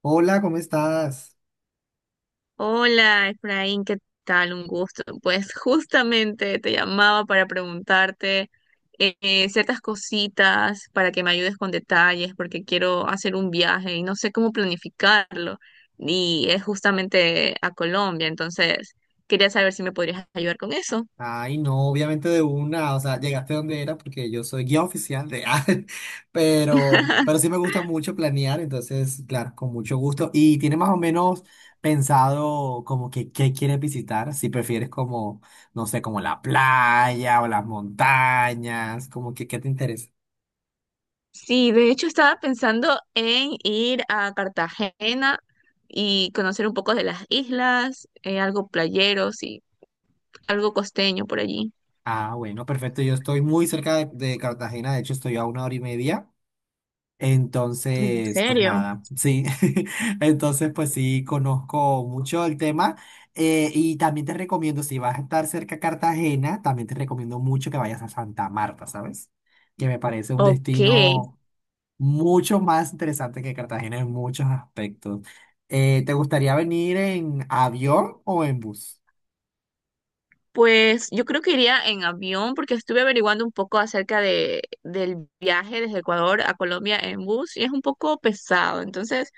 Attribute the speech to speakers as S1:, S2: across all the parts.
S1: Hola, ¿cómo estás?
S2: Hola, Efraín, ¿qué tal? Un gusto. Pues justamente te llamaba para preguntarte ciertas cositas para que me ayudes con detalles, porque quiero hacer un viaje y no sé cómo planificarlo. Y es justamente a Colombia, entonces quería saber si me podrías ayudar con eso.
S1: Ay, no, obviamente de una, o sea, llegaste donde era porque yo soy guía oficial de pero sí me gusta mucho planear, entonces, claro, con mucho gusto. ¿Y tiene más o menos pensado como que qué quieres visitar? Si prefieres como, no sé, como la playa o las montañas, como que qué te interesa.
S2: Sí, de hecho estaba pensando en ir a Cartagena y conocer un poco de las islas, algo playeros y algo costeño por allí.
S1: Ah, bueno, perfecto, yo estoy muy cerca de Cartagena, de hecho estoy a una hora y media.
S2: ¿En
S1: Entonces, pues
S2: serio?
S1: nada, sí. Entonces, pues sí, conozco mucho el tema. Y también te recomiendo, si vas a estar cerca a Cartagena, también te recomiendo mucho que vayas a Santa Marta, ¿sabes? Que me parece un
S2: Ok,
S1: destino mucho más interesante que Cartagena en muchos aspectos. ¿Te gustaría venir en avión o en bus?
S2: pues yo creo que iría en avión porque estuve averiguando un poco acerca del viaje desde Ecuador a Colombia en bus y es un poco pesado. Entonces,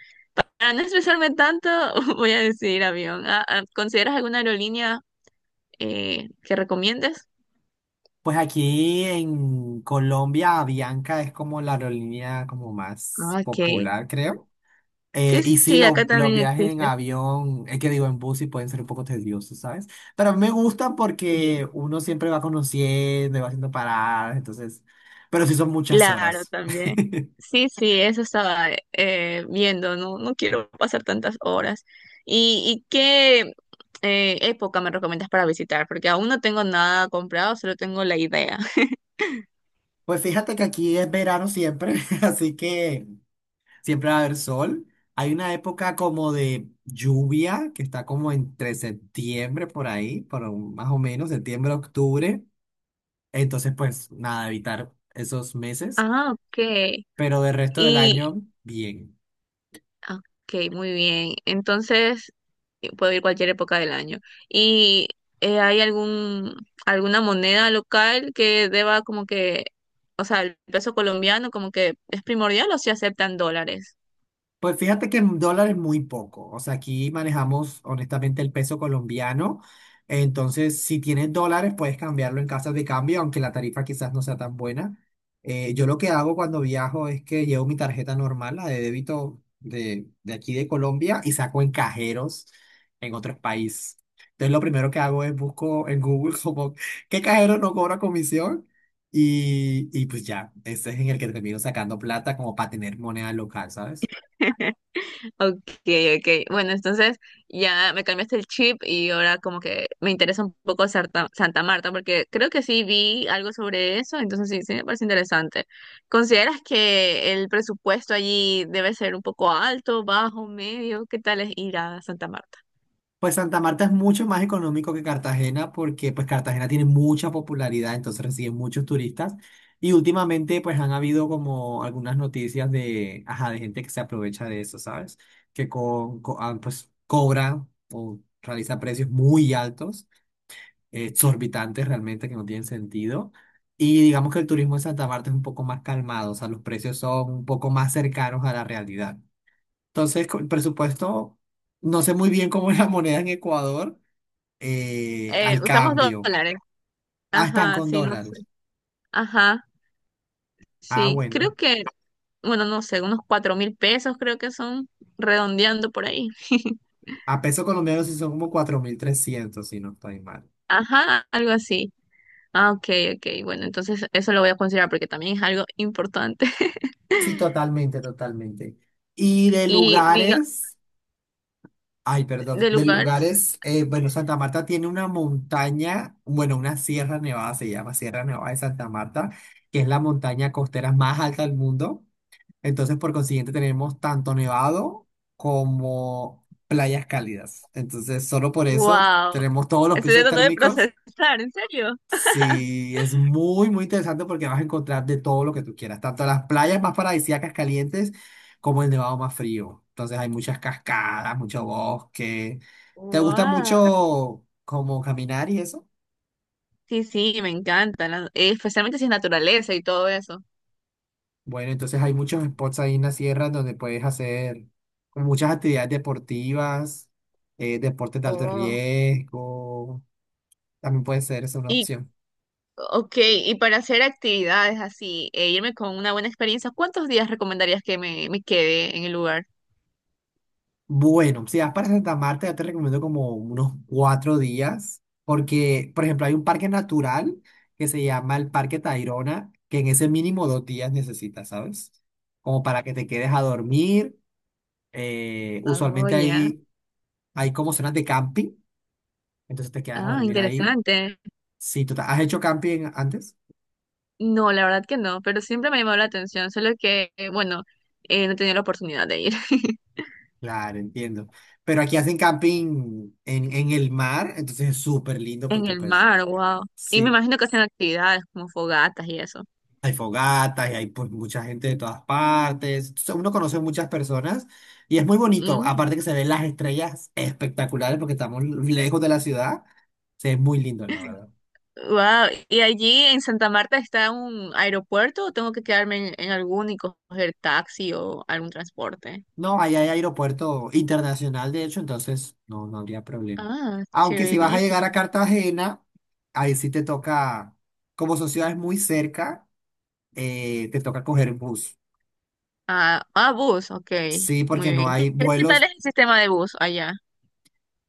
S2: para no estresarme tanto, voy a decidir avión. ¿Consideras alguna aerolínea que recomiendes?
S1: Pues aquí en Colombia, Avianca es como la aerolínea como más
S2: Ok,
S1: popular, creo.
S2: sí,
S1: Y sí,
S2: sí, acá
S1: los
S2: también
S1: viajes en
S2: existe.
S1: avión, es que digo en bus y pueden ser un poco tediosos, ¿sabes? Pero a mí me gustan
S2: Sí.
S1: porque uno siempre va conociendo y va haciendo paradas, entonces, pero sí son muchas
S2: Claro,
S1: horas.
S2: también. Sí, sí, eso estaba viendo, no quiero pasar tantas horas. ¿Y qué época me recomiendas para visitar? Porque aún no tengo nada comprado, solo tengo la idea.
S1: Pues fíjate que aquí es verano siempre, así que siempre va a haber sol. Hay una época como de lluvia que está como entre septiembre por ahí, más o menos, septiembre, octubre. Entonces, pues nada, evitar esos meses,
S2: Ah, ok.
S1: pero del resto del
S2: Y,
S1: año, bien.
S2: ah, ok, muy bien. Entonces, puedo ir cualquier época del año. ¿Y hay alguna moneda local que deba como que, o sea, el peso colombiano como que es primordial o si aceptan dólares?
S1: Pues fíjate que en dólares muy poco. O sea, aquí manejamos honestamente el peso colombiano. Entonces, si tienes dólares, puedes cambiarlo en casas de cambio, aunque la tarifa quizás no sea tan buena. Yo lo que hago cuando viajo es que llevo mi tarjeta normal, la de débito de aquí de Colombia, y saco en cajeros en otros países. Entonces, lo primero que hago es busco en Google como qué cajero no cobra comisión. Y pues ya, ese es en el que termino sacando plata como para tener moneda local, ¿sabes?
S2: Ok, ok. Bueno, entonces ya me cambiaste el chip y ahora como que me interesa un poco Santa Marta porque creo que sí vi algo sobre eso, entonces sí, sí me parece interesante. ¿Consideras que el presupuesto allí debe ser un poco alto, bajo, medio? ¿Qué tal es ir a Santa Marta?
S1: Pues Santa Marta es mucho más económico que Cartagena porque pues Cartagena tiene mucha popularidad, entonces recibe muchos turistas y últimamente pues han habido como algunas noticias de, ajá, de gente que se aprovecha de eso, ¿sabes? Que co- co- ah, Pues cobra o realiza precios muy altos, exorbitantes realmente que no tienen sentido. Y digamos que el turismo en Santa Marta es un poco más calmado, o sea, los precios son un poco más cercanos a la realidad. Entonces, con el presupuesto, no sé muy bien cómo es la moneda en Ecuador al
S2: Usamos
S1: cambio.
S2: dólares.
S1: Ah, están
S2: Ajá,
S1: con
S2: sí, no
S1: dólares.
S2: sé. Ajá,
S1: Ah,
S2: sí.
S1: bueno.
S2: Creo que, bueno, no sé, unos 4.000 pesos creo que son redondeando por ahí.
S1: A peso colombiano sí son como 4.300 si no estoy mal.
S2: Ajá, algo así. Ah, ok, ok. Bueno, entonces eso lo voy a considerar porque también es algo importante.
S1: Sí, totalmente, totalmente. Y de
S2: Y diga,
S1: lugares, ay, perdón,
S2: de
S1: de
S2: lugares,
S1: lugares, bueno, Santa Marta tiene una montaña, bueno, una Sierra Nevada se llama, Sierra Nevada de Santa Marta, que es la montaña costera más alta del mundo. Entonces, por consiguiente, tenemos tanto nevado como playas cálidas. Entonces, solo por eso
S2: wow.
S1: tenemos todos los
S2: Estoy
S1: pisos
S2: tratando de
S1: térmicos.
S2: procesar, ¿en serio?
S1: Sí, es muy, muy interesante porque vas a encontrar de todo lo que tú quieras, tanto las playas más paradisíacas calientes como el nevado más frío. Entonces, hay muchas cascadas, mucho bosque. ¿Te gusta
S2: Wow.
S1: mucho como caminar y eso?
S2: Sí, sí, me encanta. Especialmente si es naturaleza y todo eso.
S1: Bueno, entonces hay muchos spots ahí en la sierra donde puedes hacer como muchas actividades deportivas, deportes de alto
S2: Oh.
S1: riesgo, también puede ser esa una
S2: Y,
S1: opción.
S2: ok, y para hacer actividades así, e irme con una buena experiencia, ¿cuántos días recomendarías que me quede en el lugar?
S1: Bueno, si vas para Santa Marta, yo te recomiendo como unos 4 días, porque, por ejemplo, hay un parque natural que se llama el Parque Tayrona, que en ese mínimo 2 días necesitas, ¿sabes? Como para que te quedes a dormir.
S2: Oh,
S1: Usualmente
S2: ya.
S1: ahí hay como zonas de camping, entonces te quedas a
S2: Ah,
S1: dormir ahí.
S2: interesante.
S1: Sí, total. ¿Has hecho camping antes?
S2: No, la verdad que no, pero siempre me ha llamado la atención, solo que, bueno, no he tenido la oportunidad de ir.
S1: Claro, entiendo. Pero aquí hacen camping en el mar, entonces es súper lindo
S2: En
S1: porque
S2: el
S1: pues
S2: mar, wow. Y me
S1: sí,
S2: imagino que hacen actividades como fogatas y eso.
S1: hay fogatas y hay pues mucha gente de todas partes. Entonces, uno conoce muchas personas y es muy bonito. Aparte que se ven las estrellas espectaculares porque estamos lejos de la ciudad, se ve muy lindo, la verdad.
S2: Wow. ¿Y allí en Santa Marta está un aeropuerto o tengo que quedarme en alguno y coger taxi o algún transporte?
S1: No, ahí hay aeropuerto internacional, de hecho, entonces no, no habría problema.
S2: Ah,
S1: Aunque si vas a llegar a
S2: chéverísimo.
S1: Cartagena, ahí sí te toca, como son ciudades muy cerca, te toca coger bus.
S2: Ah, ah, bus, ok.
S1: Sí,
S2: Muy
S1: porque
S2: bien.
S1: no
S2: ¿Qué,
S1: hay
S2: qué tal
S1: vuelos.
S2: es el sistema de bus allá?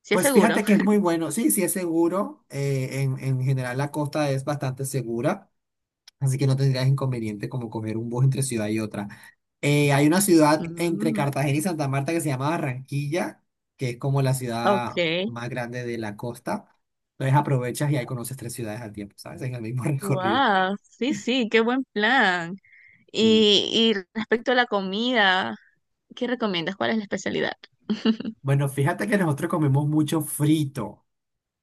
S2: ¿Sí es
S1: Pues
S2: seguro?
S1: fíjate que es muy bueno. Sí, sí es seguro. En general la costa es bastante segura. Así que no tendrías inconveniente como coger un bus entre ciudad y otra. Hay una ciudad entre
S2: Mm,
S1: Cartagena y Santa Marta que se llama Barranquilla, que es como la ciudad
S2: ok.
S1: más grande de la costa. Entonces aprovechas y ahí conoces tres ciudades al tiempo, ¿sabes? En el mismo recorrido.
S2: Wow, sí, sí, qué buen plan.
S1: Y,
S2: Y respecto a la comida, ¿qué recomiendas? ¿Cuál es la especialidad?
S1: bueno, fíjate que nosotros comemos mucho frito.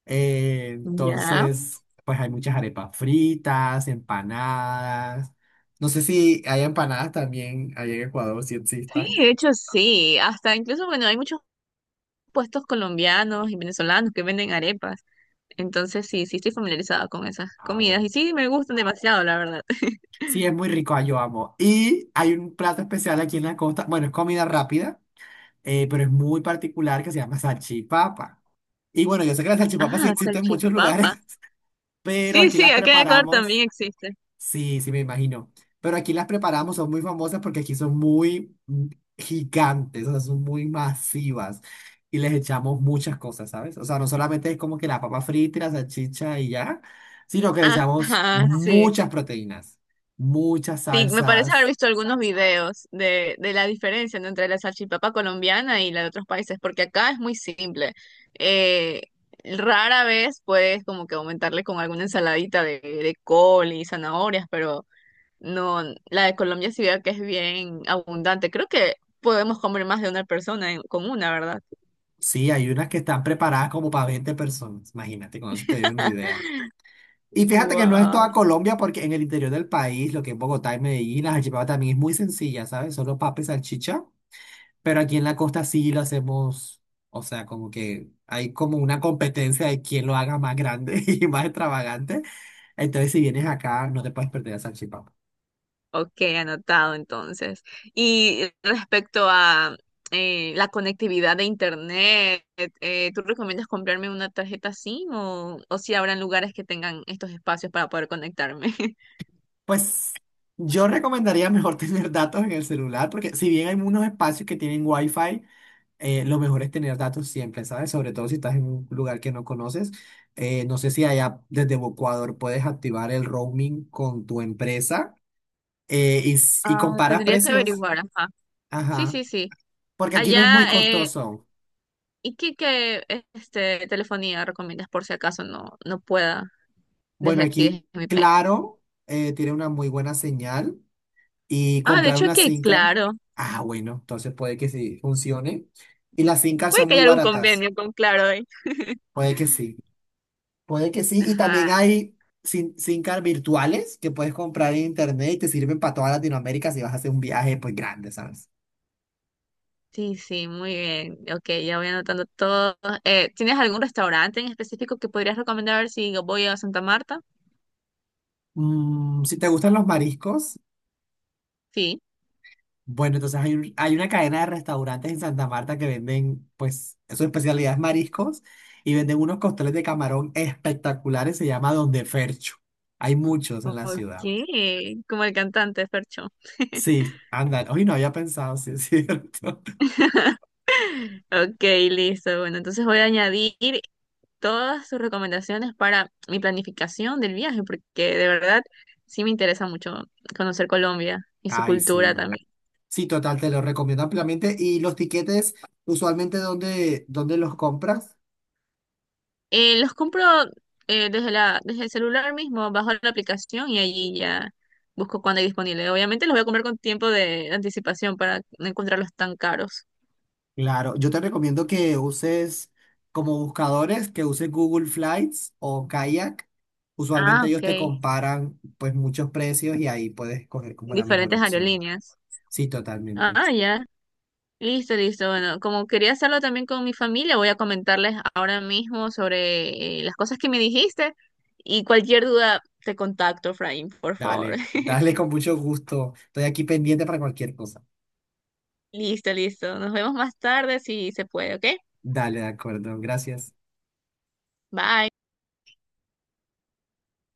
S2: Ya.
S1: Entonces, pues hay muchas arepas fritas, empanadas. No sé si hay empanadas también allá en Ecuador, si
S2: Sí,
S1: existan.
S2: de hecho sí, hasta incluso, bueno, hay muchos puestos colombianos y venezolanos que venden arepas, entonces sí, sí estoy familiarizada con esas
S1: Ah,
S2: comidas
S1: bueno.
S2: y sí, me gustan demasiado, la verdad.
S1: Sí, es muy rico, ah, yo amo. Y hay un plato especial aquí en la costa, bueno, es comida rápida, pero es muy particular que se llama salchipapa. Y bueno, yo sé que las salchipapas sí
S2: Ah,
S1: existen en muchos lugares,
S2: salchipapa.
S1: pero
S2: Sí,
S1: aquí
S2: sí,
S1: las
S2: acá en Ecuador
S1: preparamos.
S2: también existe.
S1: Sí, sí, me imagino. Pero aquí las preparamos, son muy famosas porque aquí son muy gigantes, o sea, son muy masivas y les echamos muchas cosas, ¿sabes? O sea, no solamente es como que la papa frita y la salchicha y ya, sino que le echamos
S2: Ajá, sí.
S1: muchas proteínas, muchas
S2: Sí, me parece haber
S1: salsas.
S2: visto algunos videos de la diferencia, ¿no?, entre la salchipapa colombiana y la de otros países, porque acá es muy simple. Eh, rara vez puedes como que aumentarle con alguna ensaladita de col y zanahorias, pero no, la de Colombia sí veo que es bien abundante. Creo que podemos comer más de una persona con una, ¿verdad?
S1: Sí, hay unas que están preparadas como para 20 personas, imagínate, con eso te doy una idea. Y fíjate que no es
S2: Wow.
S1: toda Colombia, porque en el interior del país, lo que es Bogotá y Medellín, la salchipapa también es muy sencilla, ¿sabes? Solo papa y salchicha. Pero aquí en la costa sí lo hacemos, o sea, como que hay como una competencia de quién lo haga más grande y más extravagante. Entonces, si vienes acá, no te puedes perder la salchipapa.
S2: Ok, anotado entonces. Y respecto a la conectividad de internet, ¿tú recomiendas comprarme una tarjeta SIM o si habrán lugares que tengan estos espacios para poder conectarme?
S1: Pues yo recomendaría mejor tener datos en el celular, porque si bien hay unos espacios que tienen wifi, lo mejor es tener datos siempre, ¿sabes? Sobre todo si estás en un lugar que no conoces. No sé si allá desde Ecuador puedes activar el roaming con tu empresa y
S2: Ah,
S1: comparas
S2: tendría que
S1: precios.
S2: averiguar, ajá. Sí,
S1: Ajá.
S2: sí, sí.
S1: Porque aquí no es muy
S2: Allá, eh,
S1: costoso.
S2: ¿y qué, qué, este, telefonía recomiendas por si acaso no pueda
S1: Bueno,
S2: desde aquí,
S1: aquí,
S2: desde mi país?
S1: claro, tiene una muy buena señal y
S2: Ah, de
S1: comprar
S2: hecho
S1: una
S2: que
S1: SIM card.
S2: Claro.
S1: Ah, bueno, entonces puede que sí funcione. Y las SIM cards
S2: Puede
S1: son
S2: que
S1: muy
S2: haya algún
S1: baratas.
S2: convenio con Claro ahí.
S1: Puede que sí. Puede que sí. Y
S2: Ajá.
S1: también hay SIM card virtuales que puedes comprar en internet y te sirven para toda Latinoamérica si vas a hacer un viaje pues grande, ¿sabes?
S2: Sí, sí, muy bien. Ok, ya voy anotando todo. ¿Tienes algún restaurante en específico que podrías recomendar si voy a Santa Marta?
S1: Mm, si te gustan los mariscos.
S2: Sí.
S1: Bueno, entonces hay una cadena de restaurantes en Santa Marta que venden, pues, su especialidad es mariscos y venden unos costeles de camarón espectaculares, se llama Don de Fercho. Hay muchos en la
S2: Ok,
S1: ciudad.
S2: como el cantante Fercho.
S1: Sí, andan. Hoy no había pensado, sí, es cierto.
S2: Ok, listo. Bueno, entonces voy a añadir todas sus recomendaciones para mi planificación del viaje, porque de verdad sí me interesa mucho conocer Colombia y su
S1: Ay,
S2: cultura
S1: sí.
S2: también.
S1: Sí, total, te lo recomiendo ampliamente. ¿Y los tiquetes, usualmente, dónde, dónde los compras?
S2: Los compro desde el celular mismo, bajo la aplicación y allí ya busco cuándo hay disponible. Obviamente los voy a comprar con tiempo de anticipación para no encontrarlos tan caros.
S1: Claro, yo te recomiendo que uses como buscadores, que uses Google Flights o Kayak.
S2: Ah,
S1: Usualmente ellos
S2: ok.
S1: te comparan pues muchos precios y ahí puedes escoger como la mejor
S2: Diferentes
S1: opción.
S2: aerolíneas.
S1: Sí, totalmente.
S2: Ah, ya. Listo, listo. Bueno, como quería hacerlo también con mi familia, voy a comentarles ahora mismo sobre las cosas que me dijiste y cualquier duda te contacto, Fraim, por favor.
S1: Dale, dale con mucho gusto. Estoy aquí pendiente para cualquier cosa.
S2: Listo, listo. Nos vemos más tarde si se puede, ¿ok?
S1: Dale, de acuerdo. Gracias.
S2: Bye.